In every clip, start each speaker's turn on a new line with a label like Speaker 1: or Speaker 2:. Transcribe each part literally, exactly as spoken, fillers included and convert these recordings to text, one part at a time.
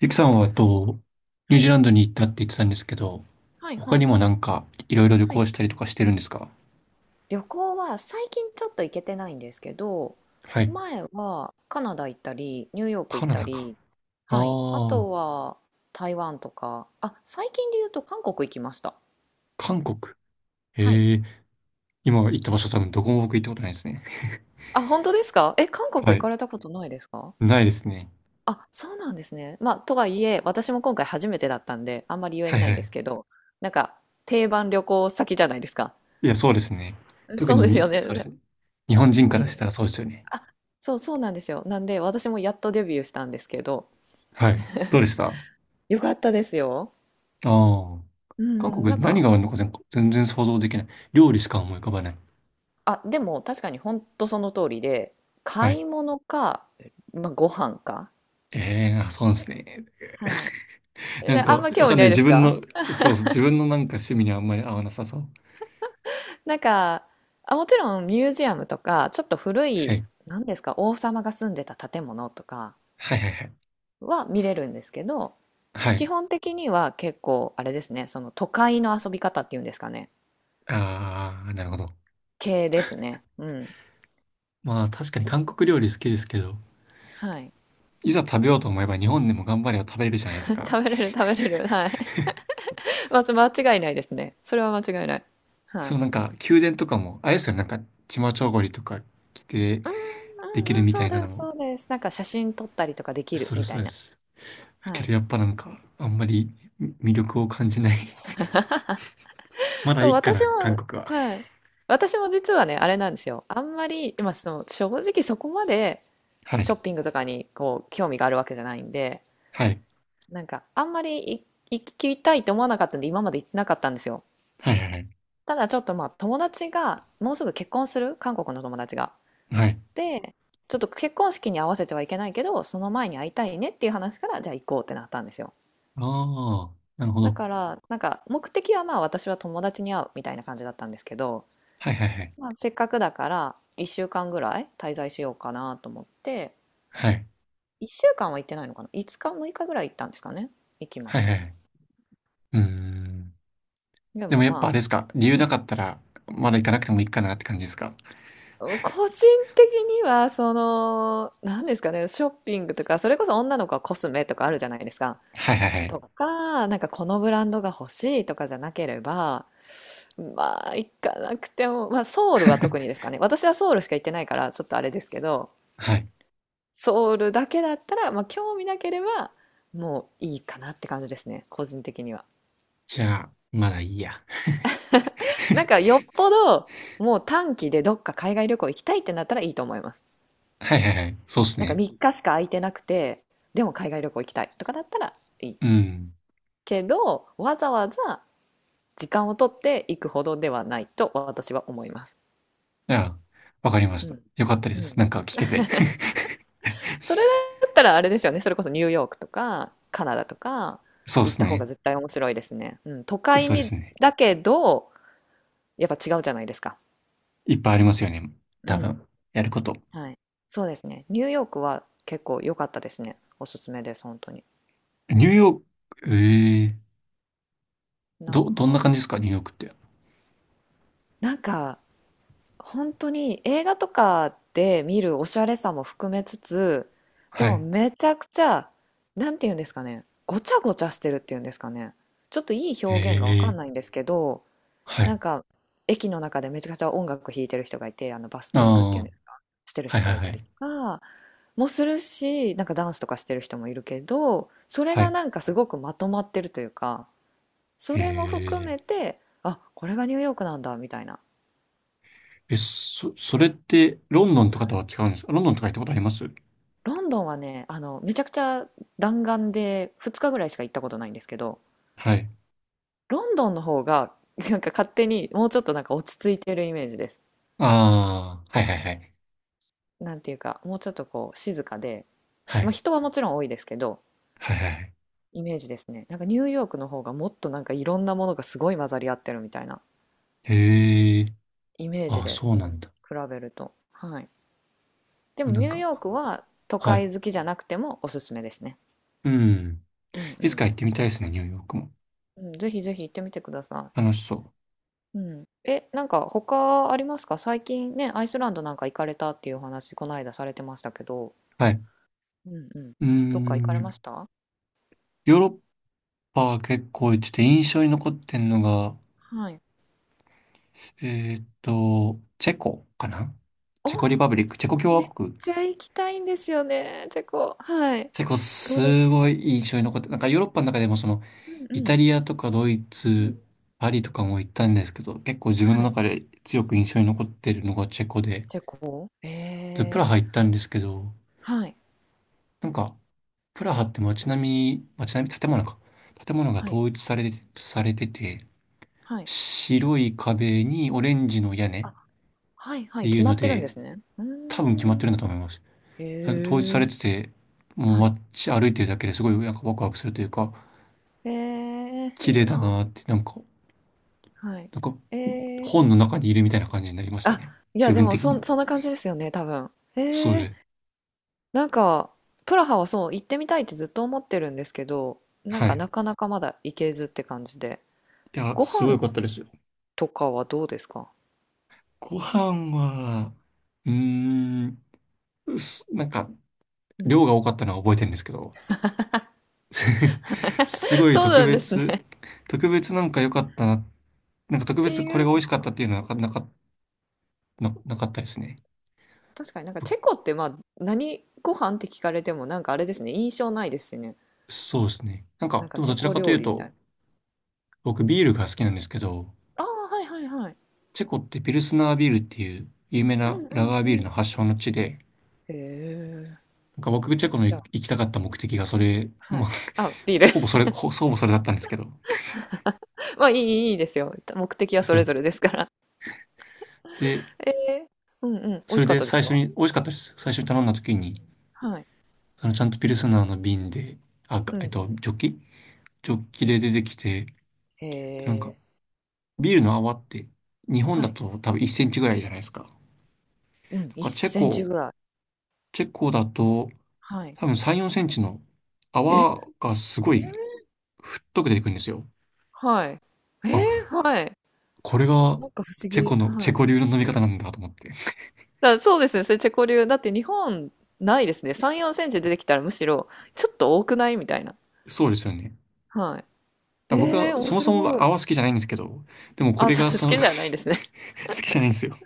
Speaker 1: ゆきさんは、えっと、ニュ
Speaker 2: は
Speaker 1: ージー
Speaker 2: い。
Speaker 1: ランドに行ったって言ってたんですけど、
Speaker 2: はい
Speaker 1: 他
Speaker 2: は
Speaker 1: に
Speaker 2: い。
Speaker 1: もなんか、いろいろ旅
Speaker 2: は
Speaker 1: 行
Speaker 2: い。
Speaker 1: したりとかしてるんですか？
Speaker 2: 旅行は最近ちょっと行けてないんですけど、
Speaker 1: はい。
Speaker 2: 前はカナダ行ったり、ニューヨーク
Speaker 1: カ
Speaker 2: 行っ
Speaker 1: ナ
Speaker 2: た
Speaker 1: ダか。
Speaker 2: り、
Speaker 1: あ
Speaker 2: はい。あ
Speaker 1: あ、
Speaker 2: とは台湾とか、あ、最近で言うと韓国行きました。
Speaker 1: 韓国。
Speaker 2: はい。
Speaker 1: へえ、今行った場所多分どこも僕行ったことないですね。
Speaker 2: あ、本当ですか？え、韓国
Speaker 1: は
Speaker 2: 行
Speaker 1: い。
Speaker 2: かれたことないですか？
Speaker 1: ないですね。
Speaker 2: あ、そうなんですね。まあ、とはいえ、私も今回初めてだったんで、あんまり言え
Speaker 1: はい
Speaker 2: な
Speaker 1: は
Speaker 2: いんで
Speaker 1: い。
Speaker 2: すけど、なんか、定番旅行先じゃないですか。
Speaker 1: いや、そうですね。特
Speaker 2: そう
Speaker 1: に
Speaker 2: ですよ
Speaker 1: に、
Speaker 2: ね。
Speaker 1: そう
Speaker 2: う
Speaker 1: です
Speaker 2: ん
Speaker 1: ね。日本人か
Speaker 2: う
Speaker 1: らした
Speaker 2: ん。
Speaker 1: らそうですよね。
Speaker 2: あ、そうそうなんですよ。なんで私もやっとデビューしたんですけど、
Speaker 1: はい。どうでした？あ
Speaker 2: よかったですよ。
Speaker 1: あー、
Speaker 2: う
Speaker 1: 韓
Speaker 2: ん、
Speaker 1: 国
Speaker 2: な
Speaker 1: で
Speaker 2: ん
Speaker 1: 何
Speaker 2: か、
Speaker 1: があるのか全全然想像できない。料理しか思い浮かばない。
Speaker 2: あ、でも確かに本当その通りで、
Speaker 1: は
Speaker 2: 買
Speaker 1: い。
Speaker 2: い物か、まあ、ご飯か。
Speaker 1: ええー、あ、そうですね。
Speaker 2: はい。
Speaker 1: なん
Speaker 2: であん
Speaker 1: か、
Speaker 2: ま
Speaker 1: わ
Speaker 2: 興味
Speaker 1: かん
Speaker 2: な
Speaker 1: ない。
Speaker 2: いで
Speaker 1: 自
Speaker 2: す
Speaker 1: 分
Speaker 2: か？
Speaker 1: の、そうそう、自分のなんか趣味にはあんまり合わなさそう。
Speaker 2: な んか、あ、もちろんミュージアムとか、ちょっと古
Speaker 1: は
Speaker 2: い、
Speaker 1: い。
Speaker 2: 何ですか、王様が住んでた建物とか
Speaker 1: はいはいはい。
Speaker 2: は見れるんですけど、
Speaker 1: は
Speaker 2: 基
Speaker 1: い。
Speaker 2: 本的には結構、あれですね、その都会の遊び方っていうんですかね、
Speaker 1: ああ、なるほど。
Speaker 2: 系ですね。うん。
Speaker 1: まあ、確かに韓国料理好きですけど、
Speaker 2: はい。
Speaker 1: いざ食べようと思えば日本でも頑張れば食べれるじゃないです か。
Speaker 2: 食べれる、食べれる。はい。まず間違いないですね。それは間違いない。は
Speaker 1: そ
Speaker 2: い。
Speaker 1: のなんか、宮殿とかも、あれですよね、なんか、チマチョゴリとか着て
Speaker 2: う
Speaker 1: で
Speaker 2: んう
Speaker 1: き
Speaker 2: んう
Speaker 1: る
Speaker 2: ん、
Speaker 1: み
Speaker 2: そ
Speaker 1: た
Speaker 2: う
Speaker 1: いな
Speaker 2: で
Speaker 1: の
Speaker 2: す、
Speaker 1: も、
Speaker 2: そうです。なんか写真撮ったりとかできる
Speaker 1: それ
Speaker 2: みた
Speaker 1: そう
Speaker 2: い
Speaker 1: で
Speaker 2: な。
Speaker 1: す。だ
Speaker 2: は
Speaker 1: け
Speaker 2: い。
Speaker 1: どやっぱなんか、あんまり魅力を感じない。 まだ
Speaker 2: そ
Speaker 1: い
Speaker 2: う、
Speaker 1: いか
Speaker 2: 私
Speaker 1: な、韓
Speaker 2: も、
Speaker 1: 国は。
Speaker 2: はい。私も実はね、あれなんですよ。あんまり、今、その、正直そこまで
Speaker 1: は
Speaker 2: ショ
Speaker 1: い。
Speaker 2: ッピングとかに、こう、興味があるわけじゃないんで、
Speaker 1: はい。
Speaker 2: なんか、あんまりい行きたいと思わなかったんで、今まで行ってなかったんですよ。
Speaker 1: はいはいはい。
Speaker 2: ただちょっとまあ、友達が、もうすぐ結婚する、韓国の友達が。
Speaker 1: はい。
Speaker 2: で、ちょっと結婚式に合わせてはいけないけど、その前に会いたいねっていう話から、じゃあ行こうってなったんですよ。
Speaker 1: ああ、なるほ
Speaker 2: だ
Speaker 1: ど。
Speaker 2: から、なんか目的はまあ私は友達に会うみたいな感じだったんですけど、
Speaker 1: はいはいはい。
Speaker 2: まあ、せっかくだからいっしゅうかんぐらい滞在しようかなと思って、
Speaker 1: はい。
Speaker 2: いっしゅうかんは行ってないのかな？ いつ 日、むいかぐらい行ったんですかね？行きま
Speaker 1: は
Speaker 2: し
Speaker 1: い
Speaker 2: た。
Speaker 1: はい。うーん。
Speaker 2: で
Speaker 1: で
Speaker 2: も
Speaker 1: もやっぱあ
Speaker 2: ま
Speaker 1: れですか、理由
Speaker 2: あ、う
Speaker 1: なか
Speaker 2: ん。
Speaker 1: ったら、まだ行かなくてもいいかなって感じですか？
Speaker 2: 個人的には、その、何ですかね、ショッピングとか、それこそ女の子はコスメとかあるじゃないですか。
Speaker 1: はいはいは
Speaker 2: と
Speaker 1: い。
Speaker 2: か、なんかこのブランドが欲しいとかじゃなければ、まあ、行かなくても、まあ、ソウルは特にで すかね。私はソウルしか行ってないから、ちょっとあれですけど、
Speaker 1: はい。
Speaker 2: ソウルだけだったら、まあ、興味なければ、もういいかなって感じですね、個人的には。
Speaker 1: じゃあ、まだいいや。
Speaker 2: なんか、よっぽど、もう短期でどっか海外旅行行きたいってなったらいいと思います。
Speaker 1: はいはいはい。そうです
Speaker 2: なんか
Speaker 1: ね。
Speaker 2: みっかしか空いてなくて、でも海外旅行行きたいとかだったらいい。
Speaker 1: うん。
Speaker 2: けど、わざわざ時間を取って行くほどではないと私は思います。
Speaker 1: じゃあ、わかりまし
Speaker 2: う
Speaker 1: た。
Speaker 2: ん。
Speaker 1: よかったで
Speaker 2: う
Speaker 1: す。
Speaker 2: ん。
Speaker 1: なんか聞けて。
Speaker 2: それだったらあれですよね。それこそニューヨークとかカナダとか
Speaker 1: そうで
Speaker 2: 行っ
Speaker 1: す
Speaker 2: た方
Speaker 1: ね。
Speaker 2: が絶対面白いですね。うん、都会
Speaker 1: そうです
Speaker 2: に、
Speaker 1: ね。
Speaker 2: だけどやっぱ違うじゃないですか。
Speaker 1: いっぱいありますよね。
Speaker 2: う
Speaker 1: 多
Speaker 2: ん。
Speaker 1: 分、やること。
Speaker 2: はい。そうですね。ニューヨークは結構良かったですね。おすすめです、本当に。
Speaker 1: ニューヨーク、ええ、
Speaker 2: なん
Speaker 1: ど、どんな
Speaker 2: か、
Speaker 1: 感じですかニューヨークって？
Speaker 2: なんか本当に映画とかで見るおしゃれさも含めつつ、で
Speaker 1: は
Speaker 2: も
Speaker 1: い。
Speaker 2: めちゃくちゃ、なんて言うんですかね。ごちゃごちゃしてるっていうんですかね。ちょっといい表現がわかん
Speaker 1: ええ、
Speaker 2: ないんですけど、
Speaker 1: は
Speaker 2: な
Speaker 1: い。
Speaker 2: んか、駅の中でめちゃくちゃ音楽弾いてる人がいて、あのバス
Speaker 1: あ
Speaker 2: キングって
Speaker 1: あ、
Speaker 2: いうんですか、してる
Speaker 1: はい
Speaker 2: 人
Speaker 1: は
Speaker 2: が
Speaker 1: い
Speaker 2: い
Speaker 1: は
Speaker 2: たり
Speaker 1: い。
Speaker 2: とかもするし、なんかダンスとかしてる人もいるけど、それ
Speaker 1: は
Speaker 2: が
Speaker 1: い。
Speaker 2: なんかすごくまとまってるというか、それも含
Speaker 1: ええ
Speaker 2: めて、あ、これがニューヨークなんだみたいな。
Speaker 1: え、そ、それって、ロンドンとか
Speaker 2: は
Speaker 1: と
Speaker 2: い。
Speaker 1: は違うんですか？ロンドンとか行ったことあります？
Speaker 2: ロンドンはね、あの、めちゃくちゃ弾丸でふつかぐらいしか行ったことないんですけど、
Speaker 1: はい。
Speaker 2: ロンドンの方がなんか勝手にもうちょっとなんか落ち着いてるイメージです。
Speaker 1: ああ、はいはいはい。
Speaker 2: なんていうか、もうちょっとこう静かで、
Speaker 1: は
Speaker 2: まあ、
Speaker 1: い。
Speaker 2: 人はもちろん多いですけど、
Speaker 1: はいはいはい。
Speaker 2: イメージですね。なんかニューヨークの方がもっとなんかいろんなものがすごい混ざり合ってるみたいな
Speaker 1: へえ、
Speaker 2: イメージ
Speaker 1: ああ、
Speaker 2: です。
Speaker 1: そう
Speaker 2: う
Speaker 1: なん
Speaker 2: ん。
Speaker 1: だ。
Speaker 2: 比べると。はい。でも
Speaker 1: な
Speaker 2: ニ
Speaker 1: ん
Speaker 2: ュー
Speaker 1: か、
Speaker 2: ヨークは都
Speaker 1: はい。
Speaker 2: 会好きじゃなくてもおすすめですね。
Speaker 1: うん。
Speaker 2: うんう
Speaker 1: いつ
Speaker 2: ん。
Speaker 1: か行ってみたいですね、ニューヨークも。
Speaker 2: うん、ぜひぜひ行ってみてくださ
Speaker 1: 楽しそう。
Speaker 2: い。うん。え、なんか他ありますか？最近ね、アイスランドなんか行かれたっていうお話、この間されてましたけど。
Speaker 1: はい。
Speaker 2: うんうん。
Speaker 1: うー
Speaker 2: どっか行かれま
Speaker 1: ん。
Speaker 2: した？
Speaker 1: ヨーロッパは結構行ってて、印象に残ってんのが、
Speaker 2: はい。
Speaker 1: えーっと、チェコかな？
Speaker 2: お、
Speaker 1: チェコリパブリック、チェコ共
Speaker 2: め
Speaker 1: 和
Speaker 2: っ
Speaker 1: 国。
Speaker 2: ちゃ行きたいんですよね、チェコ。はい。
Speaker 1: 結構
Speaker 2: どうで
Speaker 1: す
Speaker 2: す？
Speaker 1: ごい印象に残って、なんかヨーロッパの中でもその、
Speaker 2: うん
Speaker 1: イ
Speaker 2: う
Speaker 1: タ
Speaker 2: ん。
Speaker 1: リアとかドイ
Speaker 2: うん。
Speaker 1: ツ、パリとかも行ったんですけど、結構自分
Speaker 2: は
Speaker 1: の
Speaker 2: い。
Speaker 1: 中で強く印象に残ってるのがチェコで、
Speaker 2: チェコ。え
Speaker 1: で、プラ
Speaker 2: え、
Speaker 1: ハ行ったんですけど、
Speaker 2: はい、
Speaker 1: なんか、プラハって街並み、街並み、建物か。建物が
Speaker 2: はい、
Speaker 1: 統一されて、されてて、
Speaker 2: はい。
Speaker 1: 白い壁にオレンジの屋根っ
Speaker 2: あ、はいは
Speaker 1: て
Speaker 2: い、
Speaker 1: い
Speaker 2: 決
Speaker 1: う
Speaker 2: ま
Speaker 1: の
Speaker 2: ってるんで
Speaker 1: で、
Speaker 2: すね。うー
Speaker 1: 多分決まってるん
Speaker 2: ん。
Speaker 1: だと思います。なんか統一さ
Speaker 2: へ
Speaker 1: れ
Speaker 2: え、
Speaker 1: てて、もう
Speaker 2: はい。
Speaker 1: 街歩いてるだけですごいなんかワクワクするというか、
Speaker 2: ええ、
Speaker 1: 綺
Speaker 2: いい
Speaker 1: 麗だ
Speaker 2: な。
Speaker 1: なって、なんか
Speaker 2: はい。
Speaker 1: なんか
Speaker 2: ええ、
Speaker 1: 本の中にいるみたいな感じになりました
Speaker 2: あ、
Speaker 1: ね。
Speaker 2: いや
Speaker 1: 自
Speaker 2: で
Speaker 1: 分
Speaker 2: も
Speaker 1: 的
Speaker 2: そ
Speaker 1: に。
Speaker 2: んそんな感じですよね、多分。
Speaker 1: そ
Speaker 2: ええ、
Speaker 1: れ。
Speaker 2: なんか、プラハはそう、行ってみたいってずっと思ってるんですけど、なん
Speaker 1: は
Speaker 2: か
Speaker 1: い。
Speaker 2: なかなかまだ行けずって感じで。
Speaker 1: いや、
Speaker 2: ご
Speaker 1: すごい
Speaker 2: 飯
Speaker 1: 良かったですよ。
Speaker 2: とかはどうですか？
Speaker 1: ご飯は、うーん、すなんか、
Speaker 2: うん。
Speaker 1: 量が多かったのは覚えてるんですけど、す ごい
Speaker 2: そう
Speaker 1: 特
Speaker 2: なんですね。
Speaker 1: 別、
Speaker 2: っ
Speaker 1: 特別なんか良かったな、なんか特
Speaker 2: て
Speaker 1: 別
Speaker 2: い
Speaker 1: これ
Speaker 2: う
Speaker 1: が美味し
Speaker 2: の
Speaker 1: かっ
Speaker 2: は、
Speaker 1: たっていうのはなかなか、な、なかったですね。
Speaker 2: 確かになんかチェコってまあ何ご飯って聞かれてもなんかあれですね、印象ないですしね。
Speaker 1: そうですね。なん
Speaker 2: なん
Speaker 1: か、
Speaker 2: か
Speaker 1: でも
Speaker 2: チ
Speaker 1: ど
Speaker 2: ェ
Speaker 1: ちら
Speaker 2: コ
Speaker 1: かとい
Speaker 2: 料
Speaker 1: う
Speaker 2: 理みたい
Speaker 1: と、
Speaker 2: な。
Speaker 1: 僕ビールが好きなんですけど、
Speaker 2: ああ、はいはいはい。
Speaker 1: チェコってピルスナービールっていう有名
Speaker 2: う
Speaker 1: な
Speaker 2: んう
Speaker 1: ラ
Speaker 2: ん
Speaker 1: ガー
Speaker 2: う
Speaker 1: ビールの
Speaker 2: ん。
Speaker 1: 発祥の地で、
Speaker 2: へえ。
Speaker 1: なんか僕、チェコの
Speaker 2: じゃ
Speaker 1: 行
Speaker 2: あ、
Speaker 1: きたかった目的がそれ、
Speaker 2: は
Speaker 1: ま
Speaker 2: い、
Speaker 1: あ、
Speaker 2: あ、ビール。
Speaker 1: ほぼそれ、ほ、ほぼそれだったんですけど。
Speaker 2: まあいいいいいいですよ。目的はそ
Speaker 1: そう
Speaker 2: れぞ
Speaker 1: ね。
Speaker 2: れですから。
Speaker 1: で、
Speaker 2: えー、うんうん、美
Speaker 1: そ
Speaker 2: 味し
Speaker 1: れ
Speaker 2: かっ
Speaker 1: で
Speaker 2: たです
Speaker 1: 最初
Speaker 2: か？
Speaker 1: に、美味しかったです。最初に頼んだ時
Speaker 2: う
Speaker 1: に、
Speaker 2: ん、はい。
Speaker 1: そのちゃんとピルスナーの瓶で、あ、
Speaker 2: うん
Speaker 1: えっ
Speaker 2: う
Speaker 1: と、
Speaker 2: ん。
Speaker 1: ジョッキジョッキで出てきて、
Speaker 2: へ
Speaker 1: で、なんか、
Speaker 2: え。
Speaker 1: ビールの泡って、日本
Speaker 2: は
Speaker 1: だ
Speaker 2: い。
Speaker 1: と多分いちセンチぐらいじゃないですか。な
Speaker 2: うん、
Speaker 1: んか
Speaker 2: 1
Speaker 1: チェ
Speaker 2: センチ
Speaker 1: コ、
Speaker 2: ぐらい。
Speaker 1: チェコだと、
Speaker 2: はい。
Speaker 1: 多分さん、よんセンチの
Speaker 2: え、
Speaker 1: 泡がすごい太く出てくるんですよ。
Speaker 2: はい。え
Speaker 1: あ、
Speaker 2: ー、はい。
Speaker 1: これが
Speaker 2: なんか不思
Speaker 1: チェ
Speaker 2: 議。
Speaker 1: コの、チェ
Speaker 2: はい。
Speaker 1: コ流の飲み方なんだと思って。
Speaker 2: だそうですね、それチェコ流。だって日本ないですね。さん、よんセンチ出てきたらむしろちょっと多くないみたいな。
Speaker 1: そうですよね。
Speaker 2: はい。
Speaker 1: 僕
Speaker 2: えー、
Speaker 1: は
Speaker 2: 面
Speaker 1: そもそ
Speaker 2: 白
Speaker 1: も
Speaker 2: い。
Speaker 1: 泡好きじゃないんですけど、でもこ
Speaker 2: あ、
Speaker 1: れ
Speaker 2: そ
Speaker 1: が
Speaker 2: う好
Speaker 1: その
Speaker 2: き
Speaker 1: 好
Speaker 2: じゃないんですね。
Speaker 1: きじゃないんですよ。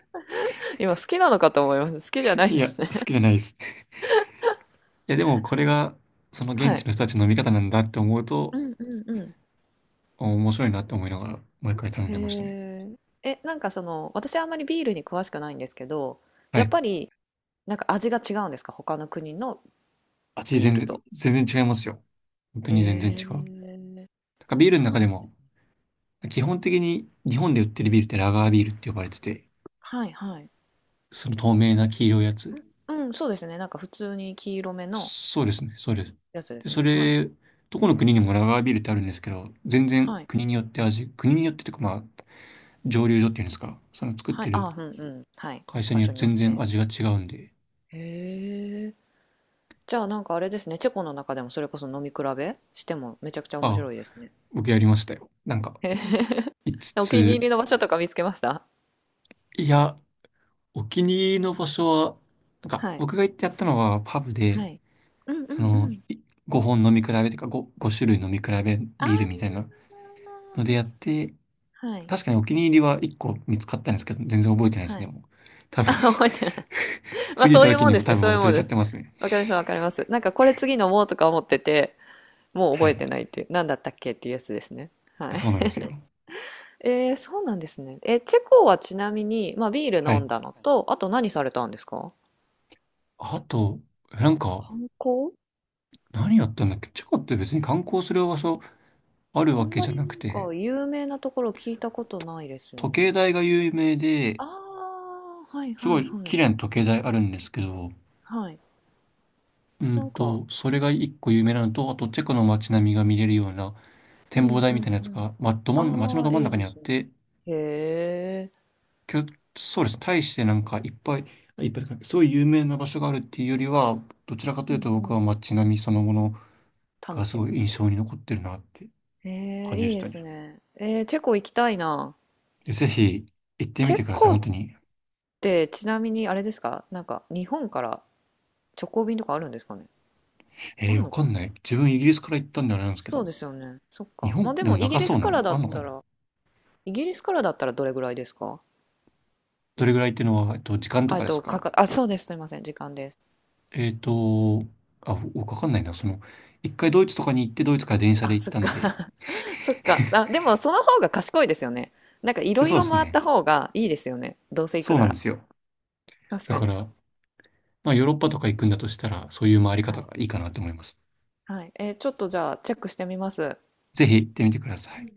Speaker 2: 今好きなのかと思います。好きじゃないん
Speaker 1: い
Speaker 2: で
Speaker 1: や、
Speaker 2: すね。
Speaker 1: 好きじゃないです。いや、でもこれがその 現
Speaker 2: は
Speaker 1: 地
Speaker 2: い。
Speaker 1: の人たちの見方なんだって思うと、
Speaker 2: うんうんう
Speaker 1: お面白いなって思いながら、毎回頼ん
Speaker 2: ん。
Speaker 1: でましたね。
Speaker 2: へえ。え、なんかその、私あんまりビールに詳しくないんですけど、
Speaker 1: は
Speaker 2: やっ
Speaker 1: い。
Speaker 2: ぱりなんか味が違うんですか？他の国の
Speaker 1: 味全
Speaker 2: ビール
Speaker 1: 然、
Speaker 2: と。
Speaker 1: 全然違いますよ。本当に全然違
Speaker 2: へ
Speaker 1: う。なん
Speaker 2: え。
Speaker 1: かビールの
Speaker 2: そう
Speaker 1: 中で
Speaker 2: なんで
Speaker 1: も、
Speaker 2: すね。
Speaker 1: 基本的に日本で売ってるビールってラガービールって呼ばれてて、
Speaker 2: はいはい。
Speaker 1: その透明な黄色いやつ。
Speaker 2: うん、うんそうですね。なんか普通に黄色めの
Speaker 1: そうですね、そうです。
Speaker 2: やつです
Speaker 1: で、
Speaker 2: よ
Speaker 1: そ
Speaker 2: ね。はい。
Speaker 1: れ、どこの国にもラガービールってあるんですけど、全然
Speaker 2: はい。
Speaker 1: 国によって味、国によってというかまあ、蒸留所っていうんですか、その作っ
Speaker 2: はい。
Speaker 1: て
Speaker 2: あ
Speaker 1: る
Speaker 2: あ、うんうん。はい。
Speaker 1: 会社
Speaker 2: 場
Speaker 1: によっ
Speaker 2: 所に
Speaker 1: て
Speaker 2: よっ
Speaker 1: 全然
Speaker 2: て。
Speaker 1: 味が違うんで、
Speaker 2: へえ。じゃあなんかあれですね。チェコの中でもそれこそ飲み比べしてもめちゃくちゃ面
Speaker 1: あ、
Speaker 2: 白いですね。
Speaker 1: 僕やりましたよ。なんか、
Speaker 2: へへ、
Speaker 1: いつつ
Speaker 2: お気に入
Speaker 1: つ、
Speaker 2: りの場所とか見つけました？
Speaker 1: いや、お気に入りの場所は、なんか、
Speaker 2: はい。
Speaker 1: 僕が行ってやったのはパブで、
Speaker 2: はい。うん
Speaker 1: そ
Speaker 2: うんう
Speaker 1: の、
Speaker 2: ん。
Speaker 1: いごほん飲み比べとかご、ご種類飲み比べ
Speaker 2: ああ、
Speaker 1: ビールみたいなのでやって、
Speaker 2: はい。
Speaker 1: 確かにお気に入りはいっこ見つかったんですけど、全然覚えてないです
Speaker 2: は
Speaker 1: ね、
Speaker 2: い。
Speaker 1: もう。多 分、
Speaker 2: あ、覚えてない。まあ
Speaker 1: 次行っ
Speaker 2: そ
Speaker 1: た
Speaker 2: ういう
Speaker 1: 時
Speaker 2: もん
Speaker 1: に
Speaker 2: で
Speaker 1: も
Speaker 2: す
Speaker 1: 多
Speaker 2: ね。そ
Speaker 1: 分
Speaker 2: ういう
Speaker 1: 忘
Speaker 2: も
Speaker 1: れ
Speaker 2: ん
Speaker 1: ちゃ
Speaker 2: で
Speaker 1: っ
Speaker 2: す。
Speaker 1: てますね。
Speaker 2: わかります、わかります。なんかこれ次飲もうとか思ってて、もう
Speaker 1: は
Speaker 2: 覚え
Speaker 1: い。
Speaker 2: てないっていう、なんだったっけっていうやつですね。はい。
Speaker 1: そうなんですよ。
Speaker 2: えー、そうなんですね。え、チェコはちなみに、まあ、ビール
Speaker 1: は
Speaker 2: 飲ん
Speaker 1: い。
Speaker 2: だのと、あと何されたんですか？
Speaker 1: あと、なんか、
Speaker 2: 観光、
Speaker 1: 何やったんだっけ？チェコって別に観光する場所ある
Speaker 2: あ
Speaker 1: わ
Speaker 2: ん
Speaker 1: け
Speaker 2: ま
Speaker 1: じゃ
Speaker 2: り
Speaker 1: な
Speaker 2: な
Speaker 1: く
Speaker 2: ん
Speaker 1: て、
Speaker 2: か有名なところ聞いたことないですよ
Speaker 1: 時計
Speaker 2: ね。
Speaker 1: 台が有名で、
Speaker 2: ああ、はい
Speaker 1: す
Speaker 2: は
Speaker 1: ご
Speaker 2: い
Speaker 1: い
Speaker 2: はい。
Speaker 1: 綺麗な時計台あるんですけど、
Speaker 2: はい。
Speaker 1: う
Speaker 2: な
Speaker 1: ん
Speaker 2: んか、
Speaker 1: と、それがいっこ有名なのと、あとチェコの街並みが見れるような
Speaker 2: う
Speaker 1: 展望
Speaker 2: ん
Speaker 1: 台
Speaker 2: う
Speaker 1: み
Speaker 2: ん
Speaker 1: たいなやつ
Speaker 2: うん。
Speaker 1: が、ま、ど真ん、街の
Speaker 2: あ
Speaker 1: ど
Speaker 2: あ、
Speaker 1: 真ん
Speaker 2: いい
Speaker 1: 中に
Speaker 2: で
Speaker 1: あっ
Speaker 2: すね。
Speaker 1: て、
Speaker 2: へえ、
Speaker 1: きょそうです。大してなんかいっぱい、いっぱいというか、すごい有名な場所があるっていうよりは、どちらかと
Speaker 2: う
Speaker 1: いう
Speaker 2: ん
Speaker 1: と
Speaker 2: う
Speaker 1: 僕は
Speaker 2: ん。
Speaker 1: 街並みそのもの
Speaker 2: 楽
Speaker 1: がす
Speaker 2: しむ
Speaker 1: ごい
Speaker 2: みた
Speaker 1: 印
Speaker 2: い
Speaker 1: 象に残ってるなって
Speaker 2: な。えー、
Speaker 1: 感じ
Speaker 2: い
Speaker 1: で
Speaker 2: い
Speaker 1: し
Speaker 2: で
Speaker 1: た
Speaker 2: す
Speaker 1: ね。
Speaker 2: ね。えー、チェコ行きたいな。
Speaker 1: でぜひ行ってみ
Speaker 2: チェ
Speaker 1: てください、
Speaker 2: コ
Speaker 1: 本
Speaker 2: っ
Speaker 1: 当に。
Speaker 2: てちなみにあれですか、なんか日本から直行便とかあるんですかね？あ
Speaker 1: えー、
Speaker 2: る
Speaker 1: わ
Speaker 2: の
Speaker 1: か
Speaker 2: か
Speaker 1: ん
Speaker 2: な？
Speaker 1: ない。自分イギリスから行ったんであれなんですけ
Speaker 2: そう
Speaker 1: ど、
Speaker 2: ですよね。そっ
Speaker 1: 日
Speaker 2: か。ま
Speaker 1: 本
Speaker 2: あで
Speaker 1: でも
Speaker 2: もイギ
Speaker 1: 長
Speaker 2: リ
Speaker 1: そう
Speaker 2: ス
Speaker 1: な
Speaker 2: か
Speaker 1: の
Speaker 2: らだっ
Speaker 1: あんのか
Speaker 2: た
Speaker 1: な？
Speaker 2: ら、イギリスからだったらどれぐらいですか？
Speaker 1: どれぐらいっていうのは、えっと、時間と
Speaker 2: あ、え
Speaker 1: か
Speaker 2: っ
Speaker 1: で
Speaker 2: と、
Speaker 1: すか？
Speaker 2: かか、あ、そうです。すいません。時間です。
Speaker 1: えっと、あ、僕わかんないな。その、一回ドイツとかに行って、ドイツから電車で
Speaker 2: あ、
Speaker 1: 行っ
Speaker 2: そっ
Speaker 1: たん
Speaker 2: か。
Speaker 1: で、
Speaker 2: そっか。あ、でもその方が賢いですよね。なんかいろい
Speaker 1: そうで
Speaker 2: ろ
Speaker 1: す
Speaker 2: 回っ
Speaker 1: ね。
Speaker 2: た方がいいですよね。どうせ行く
Speaker 1: そうな
Speaker 2: な
Speaker 1: んで
Speaker 2: ら。
Speaker 1: すよ。
Speaker 2: 確
Speaker 1: だ
Speaker 2: か
Speaker 1: か
Speaker 2: に。
Speaker 1: ら、まあ、ヨーロッパとか行くんだとしたら、そういう回り
Speaker 2: は
Speaker 1: 方が
Speaker 2: い。
Speaker 1: いいかなと思います。
Speaker 2: はい。えーちょっとじゃあチェックしてみます。
Speaker 1: ぜひ行ってみてくださ
Speaker 2: う
Speaker 1: い。
Speaker 2: ん